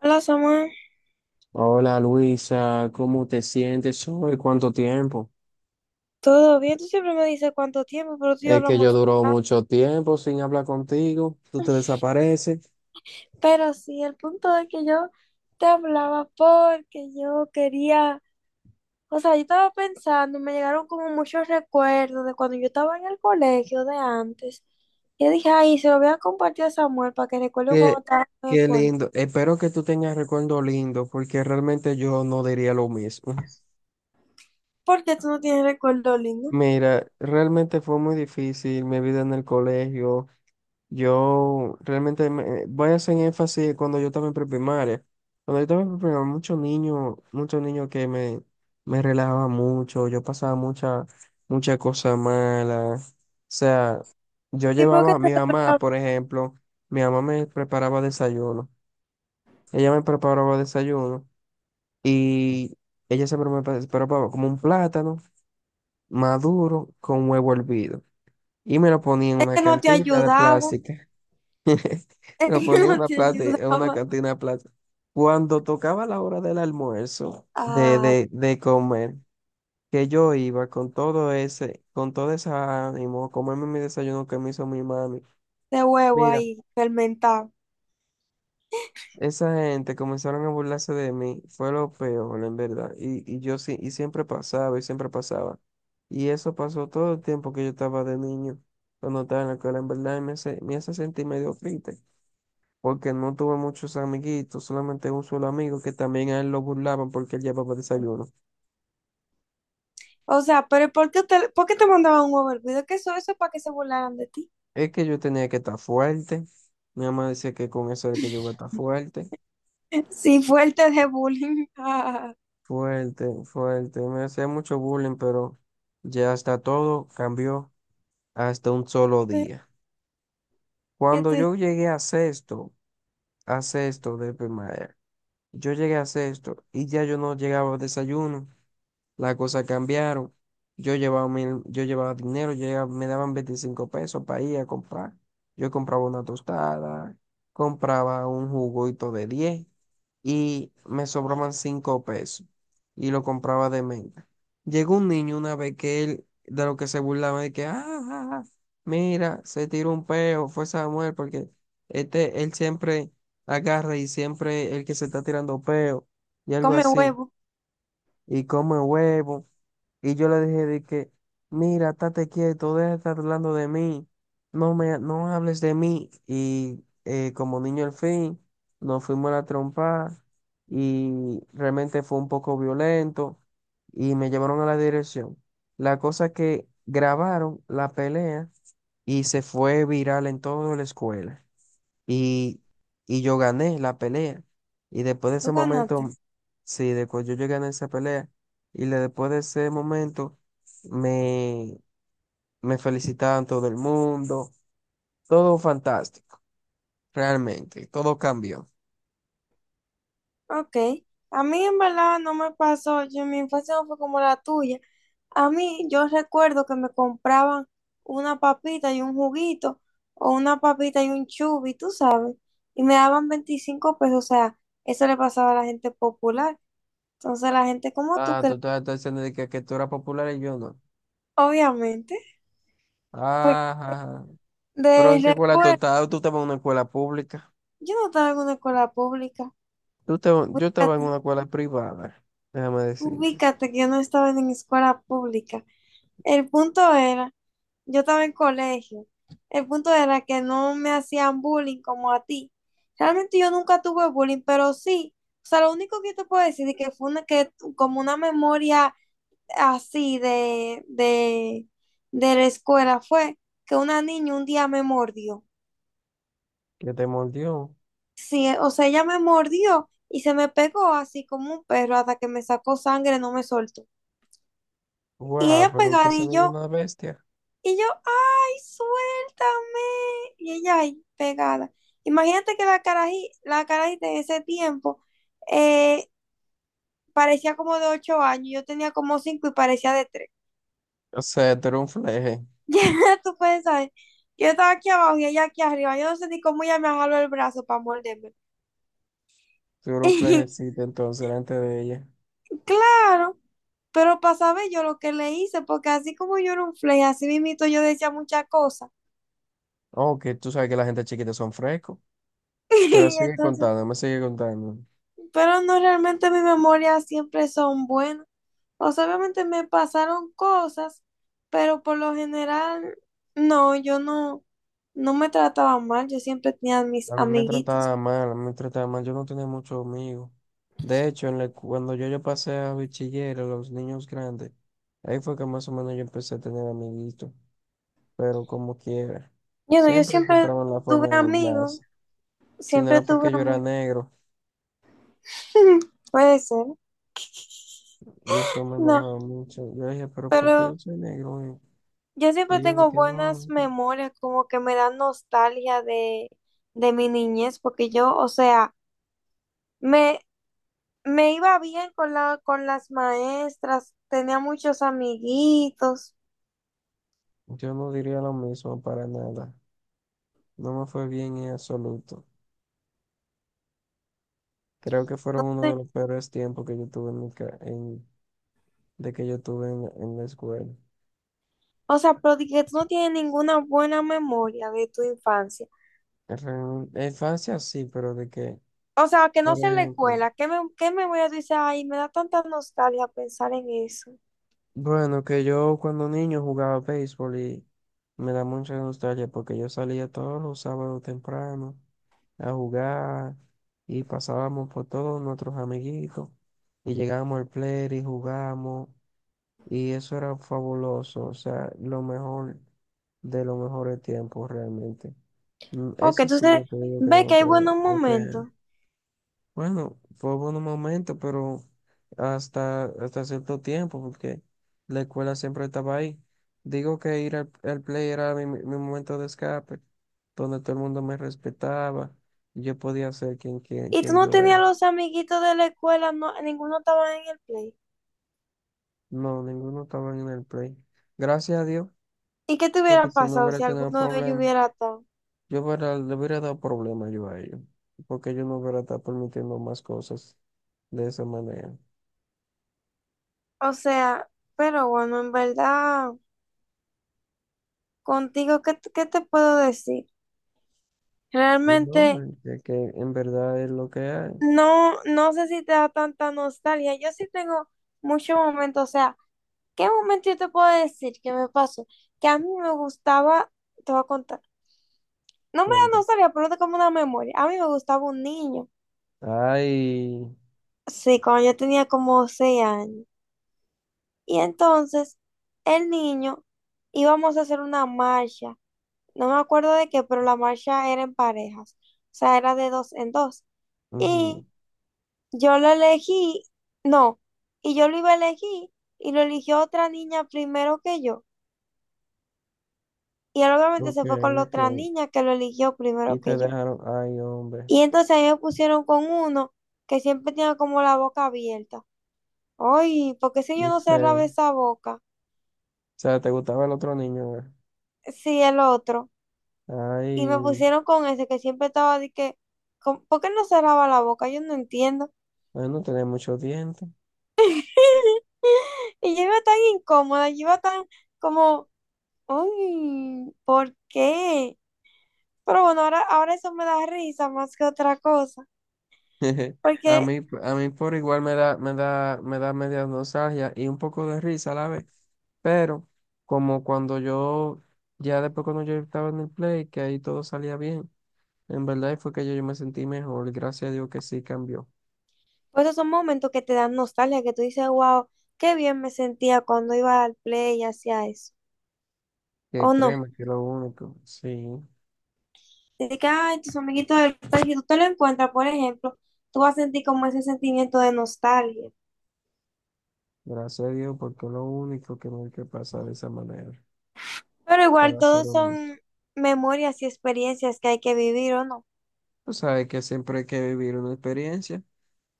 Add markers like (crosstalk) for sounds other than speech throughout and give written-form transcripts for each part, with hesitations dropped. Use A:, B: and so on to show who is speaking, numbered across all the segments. A: Hola Samuel,
B: Hola Luisa, ¿cómo te sientes hoy? ¿Cuánto tiempo?
A: ¿todo bien? Tú siempre me dices cuánto tiempo, pero tú y yo
B: Es que yo
A: hablamos.
B: duró mucho tiempo sin hablar contigo, tú te desapareces.
A: Pero sí, el punto de que yo te hablaba porque yo quería, o sea, yo estaba pensando, me llegaron como muchos recuerdos de cuando yo estaba en el colegio de antes. Yo dije, ay, se lo voy a compartir a Samuel para que recuerde cuando
B: Qué,
A: estaba en el
B: qué
A: colegio.
B: lindo. Espero que tú tengas recuerdo lindo, porque realmente yo no diría lo mismo.
A: Porque tú no tienes recuerdo lindo.
B: Mira, realmente fue muy difícil mi vida en el colegio. Yo realmente voy a hacer énfasis cuando yo estaba en preprimaria. Cuando yo estaba en preprimaria, muchos niños que me relajaban mucho, yo pasaba muchas cosas malas. O sea, yo
A: ¿Y por qué
B: llevaba a
A: te
B: mi mamá,
A: hablaba?
B: por ejemplo, mi mamá me preparaba desayuno. Ella me preparaba desayuno y ella siempre me preparaba como un plátano maduro con huevo hervido. Y me lo ponía en
A: Es
B: una
A: que no te
B: cantina de
A: ayudaba,
B: plástico. (laughs)
A: es que
B: Nos
A: (laughs)
B: ponía
A: no
B: una
A: te
B: plaza, en una
A: ayudaba.
B: cantina de plata. Cuando tocaba la hora del almuerzo, de,
A: Ay,
B: de, de comer, que yo iba con todo ese, ánimo, a comerme mi desayuno que me hizo mi mami.
A: de huevo
B: Mira,
A: ahí, fermentado.
B: esa gente comenzaron a burlarse de mí, fue lo peor, en verdad. Y yo sí, y siempre pasaba, y siempre pasaba. Y eso pasó todo el tiempo que yo estaba de niño, cuando estaba en la escuela, en verdad, y me hace sentir medio triste. Porque no tuve muchos amiguitos, solamente un solo amigo que también a él lo burlaban porque él llevaba desayuno.
A: O sea, pero ¿por qué te mandaban un huevo hervido? ¿Qué eso? Eso es para que se burlaran de ti.
B: Es que yo tenía que estar fuerte, mi mamá decía que con eso era que yo iba a estar fuerte,
A: (laughs) Sí, fuerte de bullying. (laughs) Ah,
B: fuerte, fuerte, me hacía mucho bullying, pero ya hasta todo cambió hasta un solo día.
A: ¿Qué
B: Cuando
A: te-
B: yo llegué a sexto de primaria, yo llegué a sexto y ya yo no llegaba a desayuno. Las cosas cambiaron. Yo llevaba, yo llevaba dinero, me daban 25 pesos para ir a comprar. Yo compraba una tostada, compraba un juguito de 10 y me sobraban 5 pesos y lo compraba de menta. Llegó un niño una vez que él, de lo que se burlaba, de que, ah, ah, ah, mira, se tiró un peo, fue Samuel, porque este, él siempre agarra y siempre el que se está tirando peo y algo
A: Come
B: así,
A: huevo.
B: y come huevo. Y yo le dije de que, mira, estate quieto, deja de estar hablando de mí, no hables de mí. Y como niño al fin, nos fuimos a la trompa y realmente fue un poco violento y me llevaron a la dirección. La cosa es que grabaron la pelea y se fue viral en toda la escuela. Y, y yo gané la pelea. Y después de
A: Tú
B: ese momento,
A: ganaste.
B: sí, después yo gané esa pelea. Después de ese momento, me, me felicitaban todo el mundo. Todo fantástico, realmente. Todo cambió.
A: Ok. A mí en verdad no me pasó. Yo, mi infancia no fue como la tuya. A mí yo recuerdo que me compraban una papita y un juguito o una papita y un chubi, tú sabes. Y me daban 25 pesos. O sea, eso le pasaba a la gente popular. Entonces la gente como tú,
B: Ah,
A: que
B: tú estás diciendo de que tú eras popular y yo no.
A: obviamente. Porque
B: Ah, ajá. Pero
A: de
B: ¿en qué
A: la
B: escuela tú
A: escuela,
B: estabas? Tú estabas en una escuela pública.
A: yo no estaba en una escuela pública.
B: Yo estaba en
A: Ubícate,
B: una escuela privada. Déjame decirte.
A: ubícate que yo no estaba en escuela pública. El punto era, yo estaba en colegio. El punto era que no me hacían bullying como a ti. Realmente yo nunca tuve bullying, pero sí. O sea, lo único que te puedo decir es que fue una que como una memoria así de la escuela fue que una niña un día me mordió.
B: Que te mordió.
A: Sí, o sea, ella me mordió y se me pegó así como un perro hasta que me sacó sangre, no me soltó. Y
B: Guau,
A: ella
B: pero que
A: pegada
B: esa
A: y
B: niña es
A: yo,
B: una bestia.
A: y yo, ay, suéltame. Y ella ahí pegada. Imagínate que la carajita en ese tiempo eh, parecía como de 8 años, yo tenía como 5 y parecía de 3. (laughs)
B: O sea, tú eres un fleje.
A: Ya tú puedes saber, yo estaba aquí abajo y ella aquí arriba, yo no sé ni cómo ella me jaló el brazo para morderme.
B: Tú eres un
A: (laughs)
B: flejecito entonces delante de ella.
A: Claro, pero para saber yo lo que le hice, porque así como yo era un flake, así mismito yo decía muchas cosas.
B: Oh, que tú sabes que la gente chiquita son frescos. Pero
A: (laughs) Y
B: sigue
A: entonces,
B: contando, me sigue contando.
A: pero no realmente mis memorias siempre son buenas. O sea, obviamente me pasaron cosas, pero por lo general, no, yo no, no me trataba mal, yo siempre tenía mis
B: A mí me
A: amiguitos.
B: trataba mal, a mí me trataba mal. Yo no tenía muchos amigos. De hecho, cuando yo pasé a bachiller, a los niños grandes, ahí fue que más o menos yo empecé a tener amiguitos. Pero como quiera,
A: Yo no, yo
B: siempre
A: siempre
B: encontraban la forma
A: tuve
B: de
A: amigos,
B: burlarse. Si no
A: siempre
B: era
A: tuve
B: porque yo era
A: amigos.
B: negro,
A: (laughs) Puede ser,
B: y eso me
A: no,
B: enojaba mucho. Yo dije, pero ¿por qué
A: pero
B: yo soy negro? ¿eh?
A: yo
B: Y
A: siempre
B: ellos
A: tengo
B: dije,
A: buenas
B: no.
A: memorias, como que me dan nostalgia de mi niñez, porque yo, o sea, me, me iba bien con con las maestras, tenía muchos amiguitos.
B: Yo no diría lo mismo para nada. No me fue bien en absoluto. Creo que fueron uno de
A: Entonces,
B: los peores tiempos que yo tuve en de que yo tuve en la escuela.
A: o sea, pero de que tú no tienes ninguna buena memoria de tu infancia.
B: La infancia sí, pero de que,
A: O sea, que no
B: por
A: sea en la
B: ejemplo,
A: escuela, qué memoria tú dices? Ay, me da tanta nostalgia pensar en eso.
B: bueno, que yo cuando niño jugaba béisbol y me da mucha nostalgia porque yo salía todos los sábados temprano a jugar y pasábamos por todos nuestros amiguitos y llegábamos al play y jugábamos. Y eso era fabuloso, o sea, lo mejor de los mejores tiempos realmente.
A: Ok,
B: Eso sí,
A: entonces
B: yo te digo que
A: ve
B: no me
A: que hay
B: puedo.
A: buenos
B: Ok.
A: momentos.
B: Bueno, fue un momento, pero hasta cierto tiempo, porque la escuela siempre estaba ahí. Digo que ir al play era mi momento de escape, donde todo el mundo me respetaba y yo podía ser quien, quien,
A: Y tú
B: quien
A: no
B: yo
A: tenías
B: era.
A: los amiguitos de la escuela, no, ninguno estaba en el play.
B: No, ninguno estaba en el play. Gracias a Dios,
A: ¿Y qué te
B: porque
A: hubiera
B: si no
A: pasado
B: hubiera
A: si
B: tenido
A: alguno de ellos
B: problemas.
A: hubiera atado?
B: Yo hubiera, le hubiera dado problema yo a ellos, porque yo no hubiera estado permitiendo más cosas de esa manera.
A: O sea, pero bueno, en verdad, contigo, qué te puedo decir? Realmente,
B: No, ya que en verdad es lo que hay.
A: no, no sé si te da tanta nostalgia. Yo sí tengo muchos momentos, o sea, ¿qué momento yo te puedo decir que me pasó? Que a mí me gustaba, te voy a contar. No me da
B: Cuenta.
A: nostalgia, pero es como una memoria. A mí me gustaba un niño.
B: Ay,
A: Sí, cuando yo tenía como 6 años. Y entonces, el niño íbamos a hacer una marcha. No me acuerdo de qué, pero la marcha era en parejas. O sea, era de dos en dos.
B: ujú,
A: Y yo lo elegí, no, y yo lo iba a elegir y lo eligió otra niña primero que yo. Y él obviamente
B: ok,
A: se fue con la
B: ok.
A: otra niña que lo eligió
B: Y
A: primero que
B: te
A: yo.
B: dejaron, ay, hombre,
A: Y entonces a mí me pusieron con uno que siempre tenía como la boca abierta. Ay, ¿por qué si yo
B: y
A: no cerraba
B: feo. O
A: esa boca?
B: sea, te gustaba el otro niño, ¿verdad?
A: Sí, el otro. Y me
B: Ay,
A: pusieron con ese que siempre estaba de que, con ¿por qué no cerraba la boca? Yo no entiendo.
B: ay, no tenía muchos dientes.
A: (laughs) Y yo iba tan incómoda, yo iba tan como, uy, ¿por qué? Pero bueno, ahora eso me da risa más que otra cosa,
B: (laughs)
A: porque
B: A mí por igual me da, me da media nostalgia y un poco de risa a la vez. Pero como cuando yo, ya después cuando yo estaba en el play, que ahí todo salía bien, en verdad fue que yo me sentí mejor, gracias a Dios que sí cambió,
A: pues, esos son momentos que te dan nostalgia, que tú dices, wow, qué bien me sentía cuando iba al play y hacía eso,
B: que
A: o no.
B: créeme que es lo único, sí,
A: Dices que, ay, tus amiguitos del play, si tú te lo encuentras, por ejemplo, tú vas a sentir como ese sentimiento de nostalgia.
B: gracias a Dios porque es lo único que no hay que pasar de esa manera,
A: Pero igual,
B: para ser
A: todos
B: honesto.
A: son memorias y experiencias que hay que vivir, ¿o no?
B: Tú sabes que siempre hay que vivir una experiencia.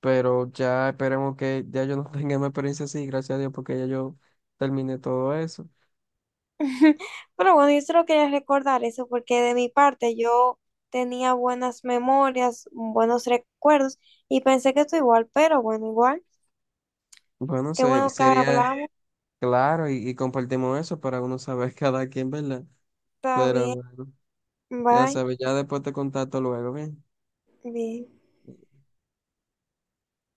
B: Pero ya esperemos que ya yo no (laughs) tenga más experiencia así, gracias a Dios, porque ya yo terminé todo eso.
A: (laughs) Pero bueno, yo solo quería recordar eso porque de mi parte yo tenía buenas memorias, buenos recuerdos y pensé que tú igual, pero bueno, igual.
B: Bueno,
A: Qué bueno que
B: sería
A: hablamos.
B: claro y compartimos eso para uno saber (laughs) cada quien, ¿verdad?
A: Está
B: Pero
A: bien.
B: bueno, ya
A: Bye.
B: sabes, ya después te contacto luego, ¿bien?
A: Bien.